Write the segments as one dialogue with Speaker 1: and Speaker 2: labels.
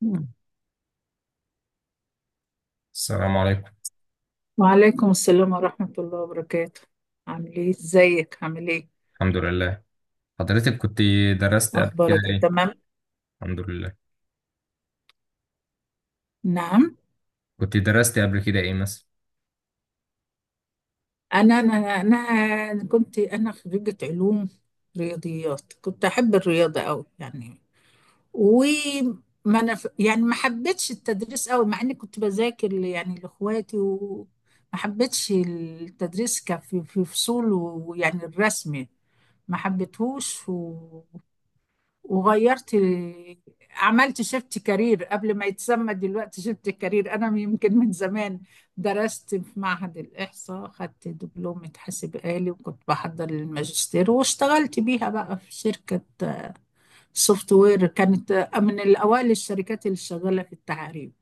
Speaker 1: مم.
Speaker 2: السلام عليكم.
Speaker 1: وعليكم السلام ورحمة الله وبركاته. عامل ايه، ازيك، عامل ايه؟
Speaker 2: الحمد لله. حضرتك كنت درست قبل كده
Speaker 1: اخبارك إيه؟
Speaker 2: ايه؟
Speaker 1: تمام.
Speaker 2: الحمد لله.
Speaker 1: نعم.
Speaker 2: كنت درست قبل كده ايه مثلا؟
Speaker 1: انا كنت انا خريجة علوم رياضيات. كنت احب الرياضة قوي. يعني وما انا يعني ما حبيتش التدريس قوي، مع اني كنت بذاكر يعني لاخواتي. وما حبيتش التدريس كفي في فصول، ويعني الرسم ما حبيتهوش. وغيرت، عملت شيفت كارير قبل ما يتسمى دلوقتي شيفت كارير. انا يمكن من زمان درست في معهد الاحصاء، خدت دبلومة حاسب آلي وكنت بحضر للماجستير، واشتغلت بيها بقى في شركة سوفت وير. كانت من الاوائل الشركات اللي شغالة في التعريب،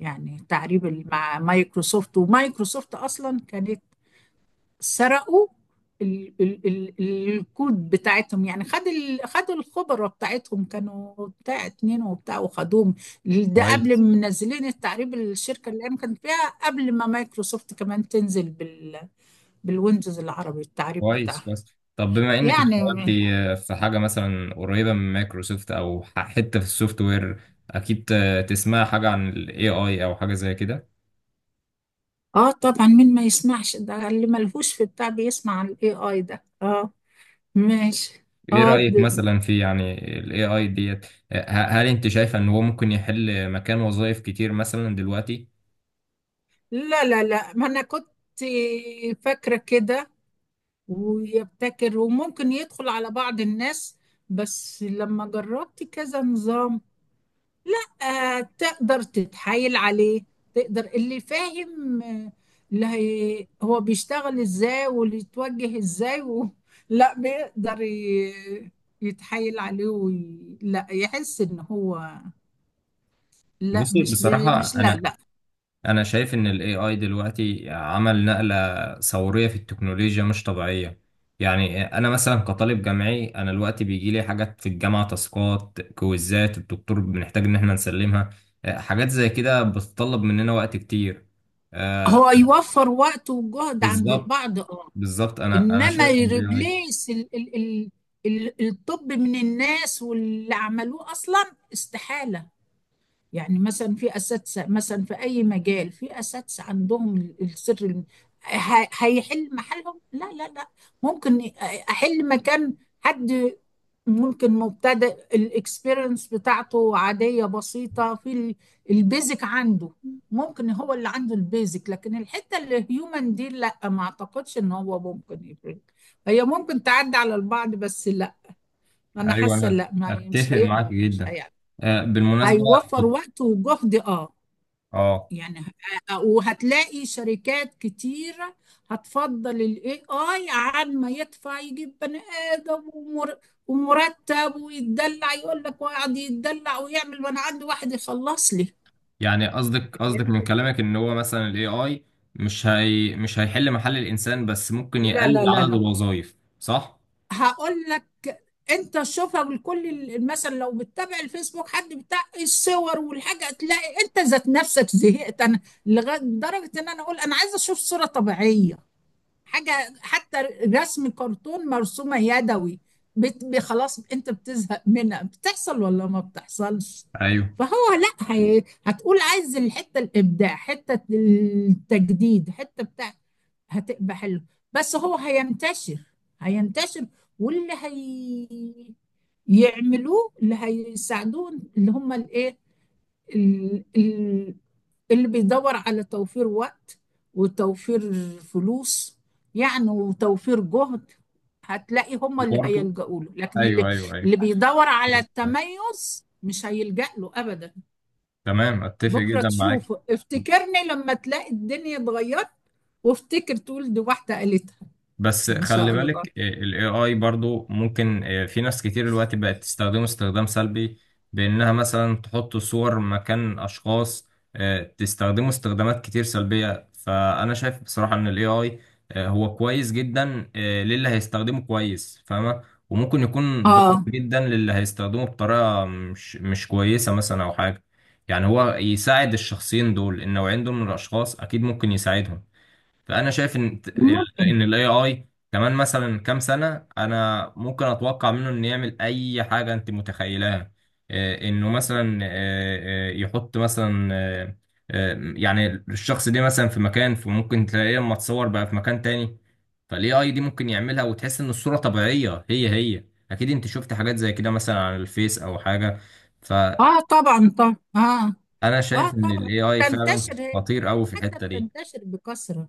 Speaker 1: يعني تعريب مع مايكروسوفت. ومايكروسوفت اصلا كانت سرقوا ال الكود بتاعتهم. يعني خد ال خدوا الخبرة بتاعتهم، كانوا بتاع اتنين وبتاع وخدوهم. ده قبل
Speaker 2: كويس،
Speaker 1: ما منزلين التعريب، الشركة اللي انا كنت فيها قبل ما مايكروسوفت كمان تنزل بالويندوز العربي، التعريب
Speaker 2: كويس،
Speaker 1: بتاعها
Speaker 2: كويس. طب بما انك اشتغلت
Speaker 1: يعني.
Speaker 2: في حاجه مثلا قريبه من مايكروسوفت او حته في السوفت وير، اكيد تسمع حاجه عن الاي اي او حاجه زي كده.
Speaker 1: اه طبعا، مين ما يسمعش؟ ده اللي ملهوش في بتاع بيسمع الاي اي ده. اه، ماشي.
Speaker 2: ايه
Speaker 1: اه
Speaker 2: رايك
Speaker 1: د-
Speaker 2: مثلا في يعني الاي اي ديت؟ هل انت شايفه ان هو ممكن يحل مكان وظائف كتير مثلا دلوقتي؟
Speaker 1: لا ما انا كنت فاكرة كده، ويبتكر وممكن يدخل على بعض الناس. بس لما جربت كذا نظام، لا. تقدر تتحايل عليه. تقدر اللي فاهم اللي هي هو بيشتغل ازاي واللي يتوجه ازاي لا، بيقدر يتحايل عليه لا يحس ان هو، لا
Speaker 2: بصي،
Speaker 1: مش
Speaker 2: بصراحة
Speaker 1: مش لا
Speaker 2: أنا
Speaker 1: لا
Speaker 2: انا شايف ان الاي اي دلوقتي عمل نقلة ثورية في التكنولوجيا مش طبيعية. يعني انا مثلا كطالب جامعي، انا دلوقتي بيجي لي حاجات في الجامعة، تاسكات، كويزات الدكتور بنحتاج ان احنا نسلمها. حاجات زي كده بتطلب مننا وقت كتير. آه،
Speaker 1: هو يوفر وقت وجهد عند
Speaker 2: بالظبط
Speaker 1: البعض، اه.
Speaker 2: بالظبط. انا
Speaker 1: انما
Speaker 2: شايف ان الاي اي...
Speaker 1: يريبليس ال الطب من الناس، واللي عملوه اصلا استحالة. يعني مثلا في اساتذه، مثلا في اي مجال في اساتذه عندهم السر هيحل محلهم؟ لا. ممكن احل مكان حد ممكن مبتدئ، الاكسبيرينس بتاعته عاديه بسيطه في البيزك عنده. ممكن هو اللي عنده البيزك، لكن الحته اللي هيومن دي لا، ما اعتقدش ان هو ممكن يفرق. هي ممكن تعدي على البعض، بس لا، انا
Speaker 2: ايوه،
Speaker 1: حاسه
Speaker 2: انا
Speaker 1: لا، ما مش
Speaker 2: اتفق معاك
Speaker 1: هيقدر، مش
Speaker 2: جدا.
Speaker 1: هيقدر.
Speaker 2: بالمناسبة.
Speaker 1: هيوفر وقت وجهد، اه.
Speaker 2: اه.
Speaker 1: يعني وهتلاقي شركات كتير هتفضل الاي اي عن ما يدفع يجيب بني ادم ومر- ومرتب ويتدلع، يقول لك ويقعد يتدلع ويعمل، وانا عندي واحد يخلص لي.
Speaker 2: يعني قصدك
Speaker 1: فهمت؟
Speaker 2: من كلامك ان هو مثلا الاي اي مش هيحل محل الانسان، بس ممكن
Speaker 1: لا
Speaker 2: يقلل
Speaker 1: لا لا
Speaker 2: عدد
Speaker 1: لا
Speaker 2: الوظائف، صح؟
Speaker 1: هقول لك، انت شوفها بالكل مثلا لو بتتابع الفيسبوك، حد بتاع الصور والحاجه، تلاقي انت ذات نفسك زهقت. انا لغايه درجه ان انا اقول انا عايزه اشوف صوره طبيعيه، حاجه حتى رسم كرتون مرسومه يدوي. خلاص انت بتزهق منها، بتحصل ولا ما بتحصلش؟
Speaker 2: ايوه،
Speaker 1: فهو لا، هتقول عايز الحته الابداع، حته التجديد، حته بتاع، هتبقى حلو. بس هو هينتشر، هينتشر. واللي هي يعملوه، اللي هيساعدوه، اللي هم الايه، ال- ال- اللي بيدور على توفير وقت وتوفير فلوس، يعني وتوفير جهد، هتلاقي هم اللي
Speaker 2: برضه،
Speaker 1: هيلجأوا له. لكن اللي،
Speaker 2: ايوه، ايوه، ايوه.
Speaker 1: اللي بيدور على التميز، مش هيلجأ له أبدا.
Speaker 2: تمام، اتفق
Speaker 1: بكرة
Speaker 2: جدا معاك.
Speaker 1: تشوفه، افتكرني لما تلاقي الدنيا اتغيرت، وافتكر تقول دي واحدة قالتها.
Speaker 2: بس
Speaker 1: إن
Speaker 2: خلي
Speaker 1: شاء الله.
Speaker 2: بالك، ال AI برضو ممكن، في ناس كتير دلوقتي بقت تستخدمه استخدام سلبي، بإنها مثلا تحط صور مكان أشخاص. تستخدمه استخدامات كتير سلبية. فأنا شايف بصراحة إن ال AI، هو كويس جدا للي هيستخدمه كويس، فاهمة؟ وممكن يكون ضار
Speaker 1: آه.
Speaker 2: جدا للي هيستخدمه بطريقة مش كويسة مثلا، أو حاجة. يعني هو يساعد الشخصين دول، النوعين دول من الأشخاص أكيد ممكن يساعدهم. فانا شايف ان
Speaker 1: ممكن.
Speaker 2: الاي اي كمان مثلا كام سنه، انا ممكن اتوقع منه انه يعمل اي حاجه انت متخيلها. انه مثلا، يحط مثلا، آه، يعني الشخص ده مثلا في مكان، فممكن تلاقيه لما تصور بقى في مكان تاني. فالاي اي دي ممكن يعملها، وتحس ان الصوره طبيعيه هي هي. اكيد انت شفت حاجات زي كده مثلا على الفيس او حاجه. فانا
Speaker 1: آه طبعا طبعا، آه. آه
Speaker 2: شايف ان
Speaker 1: طبعا.
Speaker 2: الاي اي فعلا
Speaker 1: تنتشر هي،
Speaker 2: خطير قوي في
Speaker 1: حتى
Speaker 2: الحته
Speaker 1: بتنتشر بكثرة.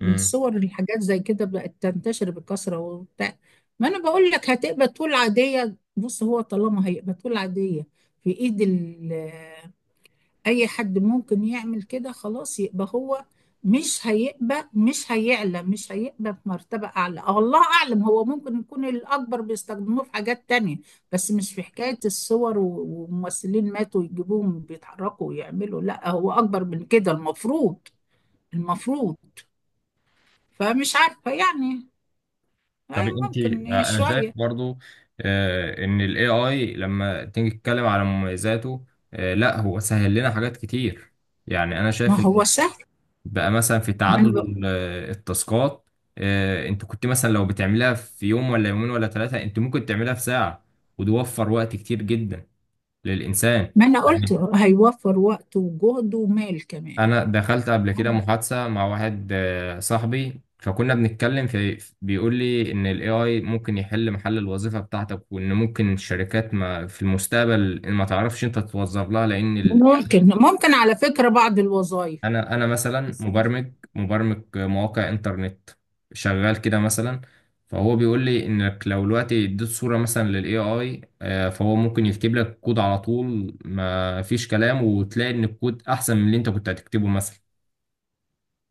Speaker 2: دي.
Speaker 1: الصور الحاجات زي كده بقت تنتشر بكثرة وبتاع. ما انا بقول لك هتبقى طول عادية. بص، هو طالما هيبقى طول عادية في ايد اي حد ممكن يعمل كده، خلاص يبقى هو مش هيبقى، مش هيعلى، مش هيبقى في مرتبة أعلى. أه الله أعلم، هو ممكن يكون الأكبر بيستخدموه في حاجات تانية، بس مش في حكاية الصور وممثلين ماتوا يجيبوهم بيتحركوا ويعملوا. لا، هو أكبر من كده المفروض، المفروض. فمش عارفة يعني.
Speaker 2: طب
Speaker 1: أي
Speaker 2: انت،
Speaker 1: ممكن يا
Speaker 2: انا شايف
Speaker 1: شوية.
Speaker 2: برضو ان الاي اي لما تيجي تتكلم على مميزاته، لا هو سهل لنا حاجات كتير. يعني انا
Speaker 1: ما
Speaker 2: شايف ان
Speaker 1: هو سهل.
Speaker 2: بقى مثلا في
Speaker 1: ما
Speaker 2: تعدد
Speaker 1: أنا, ب...
Speaker 2: التاسكات. انت كنت مثلا لو بتعملها في يوم ولا يومين ولا ثلاثة، انت ممكن تعملها في ساعة. وده وفر وقت كتير جدا للانسان.
Speaker 1: ما أنا قلت
Speaker 2: يعني
Speaker 1: هيوفر وقت وجهد ومال كمان.
Speaker 2: انا دخلت قبل كده
Speaker 1: أنا-
Speaker 2: محادثه مع واحد صاحبي، فكنا بنتكلم في، بيقول لي ان الاي اي ممكن يحل محل الوظيفه بتاعتك، وان ممكن الشركات ما في المستقبل ما تعرفش انت توظف لها، لان يعني
Speaker 1: ممكن ممكن، على فكرة بعض الوظائف،
Speaker 2: انا مثلا
Speaker 1: بس مش
Speaker 2: مبرمج مواقع انترنت، شغال كده مثلا. فهو بيقول لي انك لو دلوقتي اديت صوره مثلا للاي اي، فهو ممكن يكتب لك كود على طول، ما فيش كلام، وتلاقي ان الكود احسن من اللي انت كنت هتكتبه مثلا.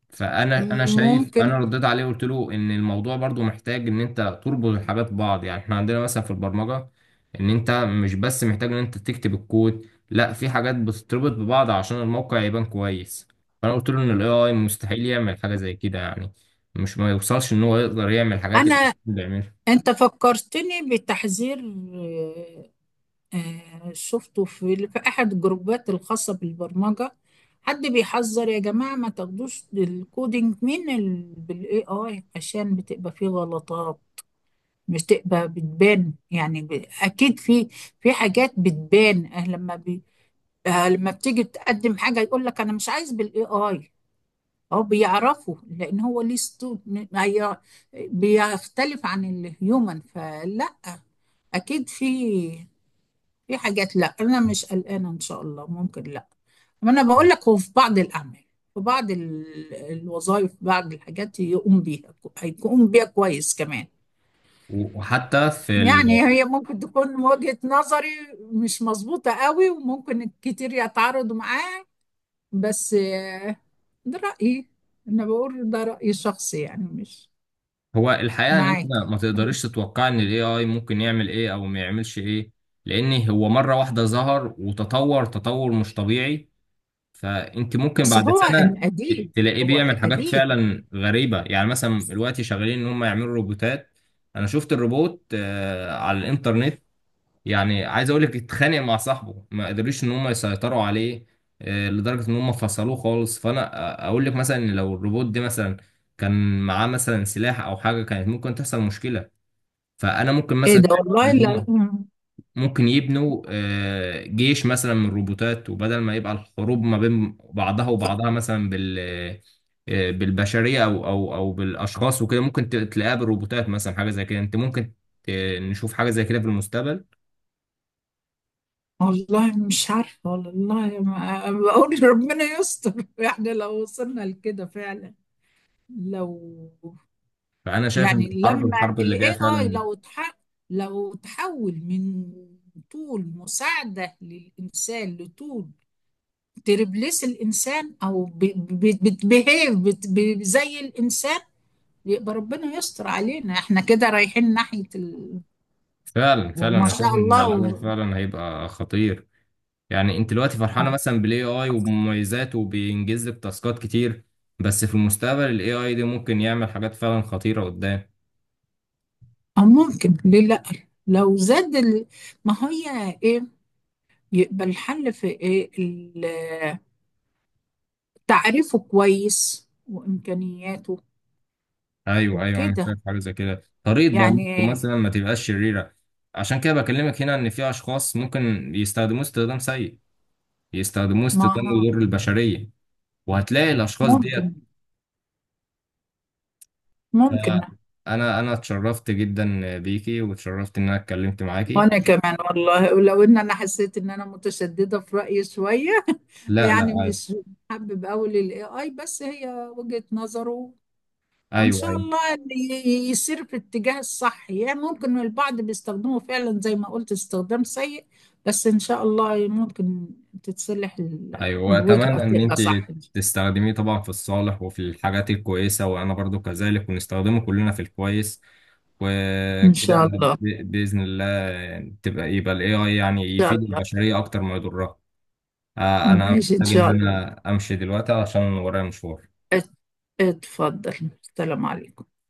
Speaker 2: فانا شايف،
Speaker 1: ممكن.
Speaker 2: انا رديت عليه وقلت له ان الموضوع برضو محتاج ان انت تربط الحاجات ببعض. يعني احنا عندنا مثلا في البرمجه، ان انت مش بس محتاج ان انت تكتب الكود، لا، في حاجات بتتربط ببعض عشان الموقع يبان كويس. فانا قلت له ان الاي اي مستحيل يعمل حاجه زي كده، يعني مش ما يوصلش ان هو يقدر يعمل حاجات اللي
Speaker 1: أنا،
Speaker 2: الإنسان بيعملها.
Speaker 1: أنت فكرتني بتحذير. آه، شفته في في أحد الجروبات الخاصة بالبرمجة. حد بيحذر، يا جماعة ما تاخدوش الكودينج بالاي اي، عشان بتبقى فيه غلطات، بتبقى بتبان. يعني اكيد في، في حاجات بتبان. لما بي... أه، لما بتيجي تقدم حاجه يقول لك انا مش عايز بالاي اي. هو بيعرفوا، لان هو ليه هي... بيختلف عن الهيومن. فلا، اكيد في، في حاجات. لا انا مش قلقانه، ان شاء الله ممكن، لا. ما انا بقول لك هو في بعض الاعمال، في بعض الوظائف، بعض الحاجات يقوم بيها هيقوم بيها كويس كمان.
Speaker 2: وحتى في
Speaker 1: يعني هي ممكن تكون وجهة نظري مش مظبوطة قوي، وممكن كتير يتعارضوا معاه، بس ده رأيي. أنا بقول ده رأيي الشخصي يعني، مش
Speaker 2: هو الحقيقه ان انت
Speaker 1: معاك.
Speaker 2: ما تقدرش تتوقع ان الاي اي ممكن يعمل ايه او ما يعملش ايه، لان هو مره واحده ظهر وتطور تطور مش طبيعي. فانت ممكن
Speaker 1: بس
Speaker 2: بعد
Speaker 1: هو
Speaker 2: سنه
Speaker 1: أن قديم،
Speaker 2: تلاقيه
Speaker 1: هو
Speaker 2: بيعمل حاجات
Speaker 1: قديم.
Speaker 2: فعلا غريبه. يعني مثلا دلوقتي شغالين ان هم يعملوا روبوتات. انا شفت الروبوت على الانترنت. يعني عايز اقول لك اتخانق مع صاحبه، ما قدروش ان هم يسيطروا عليه، لدرجه ان هم فصلوه خالص. فانا اقول لك مثلا إن لو الروبوت ده مثلا كان معاه مثلا سلاح او حاجه، كانت ممكن تحصل مشكله. فانا ممكن
Speaker 1: إيه
Speaker 2: مثلا
Speaker 1: ده،
Speaker 2: شايف
Speaker 1: والله
Speaker 2: ان
Speaker 1: لا.
Speaker 2: هم ممكن يبنوا جيش مثلا من الروبوتات، وبدل ما يبقى الحروب ما بين بعضها وبعضها مثلا بالبشرية، أو بالأشخاص وكده، ممكن تلاقيها بالروبوتات مثلا، حاجة زي كده. أنت ممكن ت- نشوف حاجة زي كده في المستقبل.
Speaker 1: والله مش عارفة، والله ما بقول ربنا يستر. إحنا لو وصلنا لكده فعلا، لو،
Speaker 2: فأنا شايف إن
Speaker 1: يعني
Speaker 2: الحرب
Speaker 1: لما
Speaker 2: الحرب
Speaker 1: ال
Speaker 2: اللي جاية.
Speaker 1: AI
Speaker 2: فعلا
Speaker 1: لو تحول من طول مساعدة للإنسان لطول تربلس الإنسان أو بتبهيف زي الإنسان، يبقى ربنا يستر علينا. احنا كده رايحين ناحية
Speaker 2: فعلا فعلا،
Speaker 1: وما
Speaker 2: أنا شايف
Speaker 1: شاء
Speaker 2: إن
Speaker 1: الله
Speaker 2: الموضوع فعلا هيبقى خطير. يعني أنت دلوقتي فرحانة
Speaker 1: آه.
Speaker 2: مثلا بال AI وبمميزاته، وبينجز لك تاسكات كتير، بس في المستقبل ال AI دي ممكن يعمل حاجات فعلا خطيرة قدام.
Speaker 1: أو ممكن، ليه لأ؟ لو زاد ما هي إيه يبقى الحل في إيه؟ تعريفه كويس وإمكانياته
Speaker 2: ايوه، ايوه، انا
Speaker 1: وكده
Speaker 2: شايف حاجه زي كده. طريقه برمجته
Speaker 1: يعني.
Speaker 2: مثلا ما تبقاش شريره. عشان كده بكلمك هنا ان في اشخاص ممكن يستخدموه استخدام سيء، يستخدموه استخدام
Speaker 1: ما
Speaker 2: يضر البشريه. وهتلاقي الاشخاص ديت.
Speaker 1: ممكن، ممكن.
Speaker 2: آه، انا اتشرفت جدا بيكي، واتشرفت ان انا اتكلمت معاكي.
Speaker 1: وانا كمان والله، ولو ان انا حسيت ان انا متشدده في رايي شويه.
Speaker 2: لا، لا،
Speaker 1: يعني
Speaker 2: عادي.
Speaker 1: مش حابب اقول الاي اي، بس هي وجهه نظره. وان
Speaker 2: ايوه،
Speaker 1: شاء
Speaker 2: ايوه،
Speaker 1: الله اللي يسير في الاتجاه الصح. يعني ممكن البعض بيستخدمه فعلا زي ما قلت استخدام سيء، بس ان شاء الله ممكن تتصلح
Speaker 2: ايوه.
Speaker 1: الوجهه
Speaker 2: واتمنى ان
Speaker 1: تبقى
Speaker 2: انت
Speaker 1: صح،
Speaker 2: تستخدميه طبعا في الصالح وفي الحاجات الكويسه، وانا برضو كذلك، ونستخدمه كلنا في الكويس
Speaker 1: ان
Speaker 2: وكده.
Speaker 1: شاء الله. ان
Speaker 2: باذن الله يبقى الاي اي يعني يفيد
Speaker 1: شاء الله.
Speaker 2: البشريه اكتر ما يضرها. انا
Speaker 1: ماشي، ان
Speaker 2: محتاج ان
Speaker 1: شاء الله.
Speaker 2: انا امشي دلوقتي عشان ورايا مشوار.
Speaker 1: ات- اتفضل. السلام عليكم.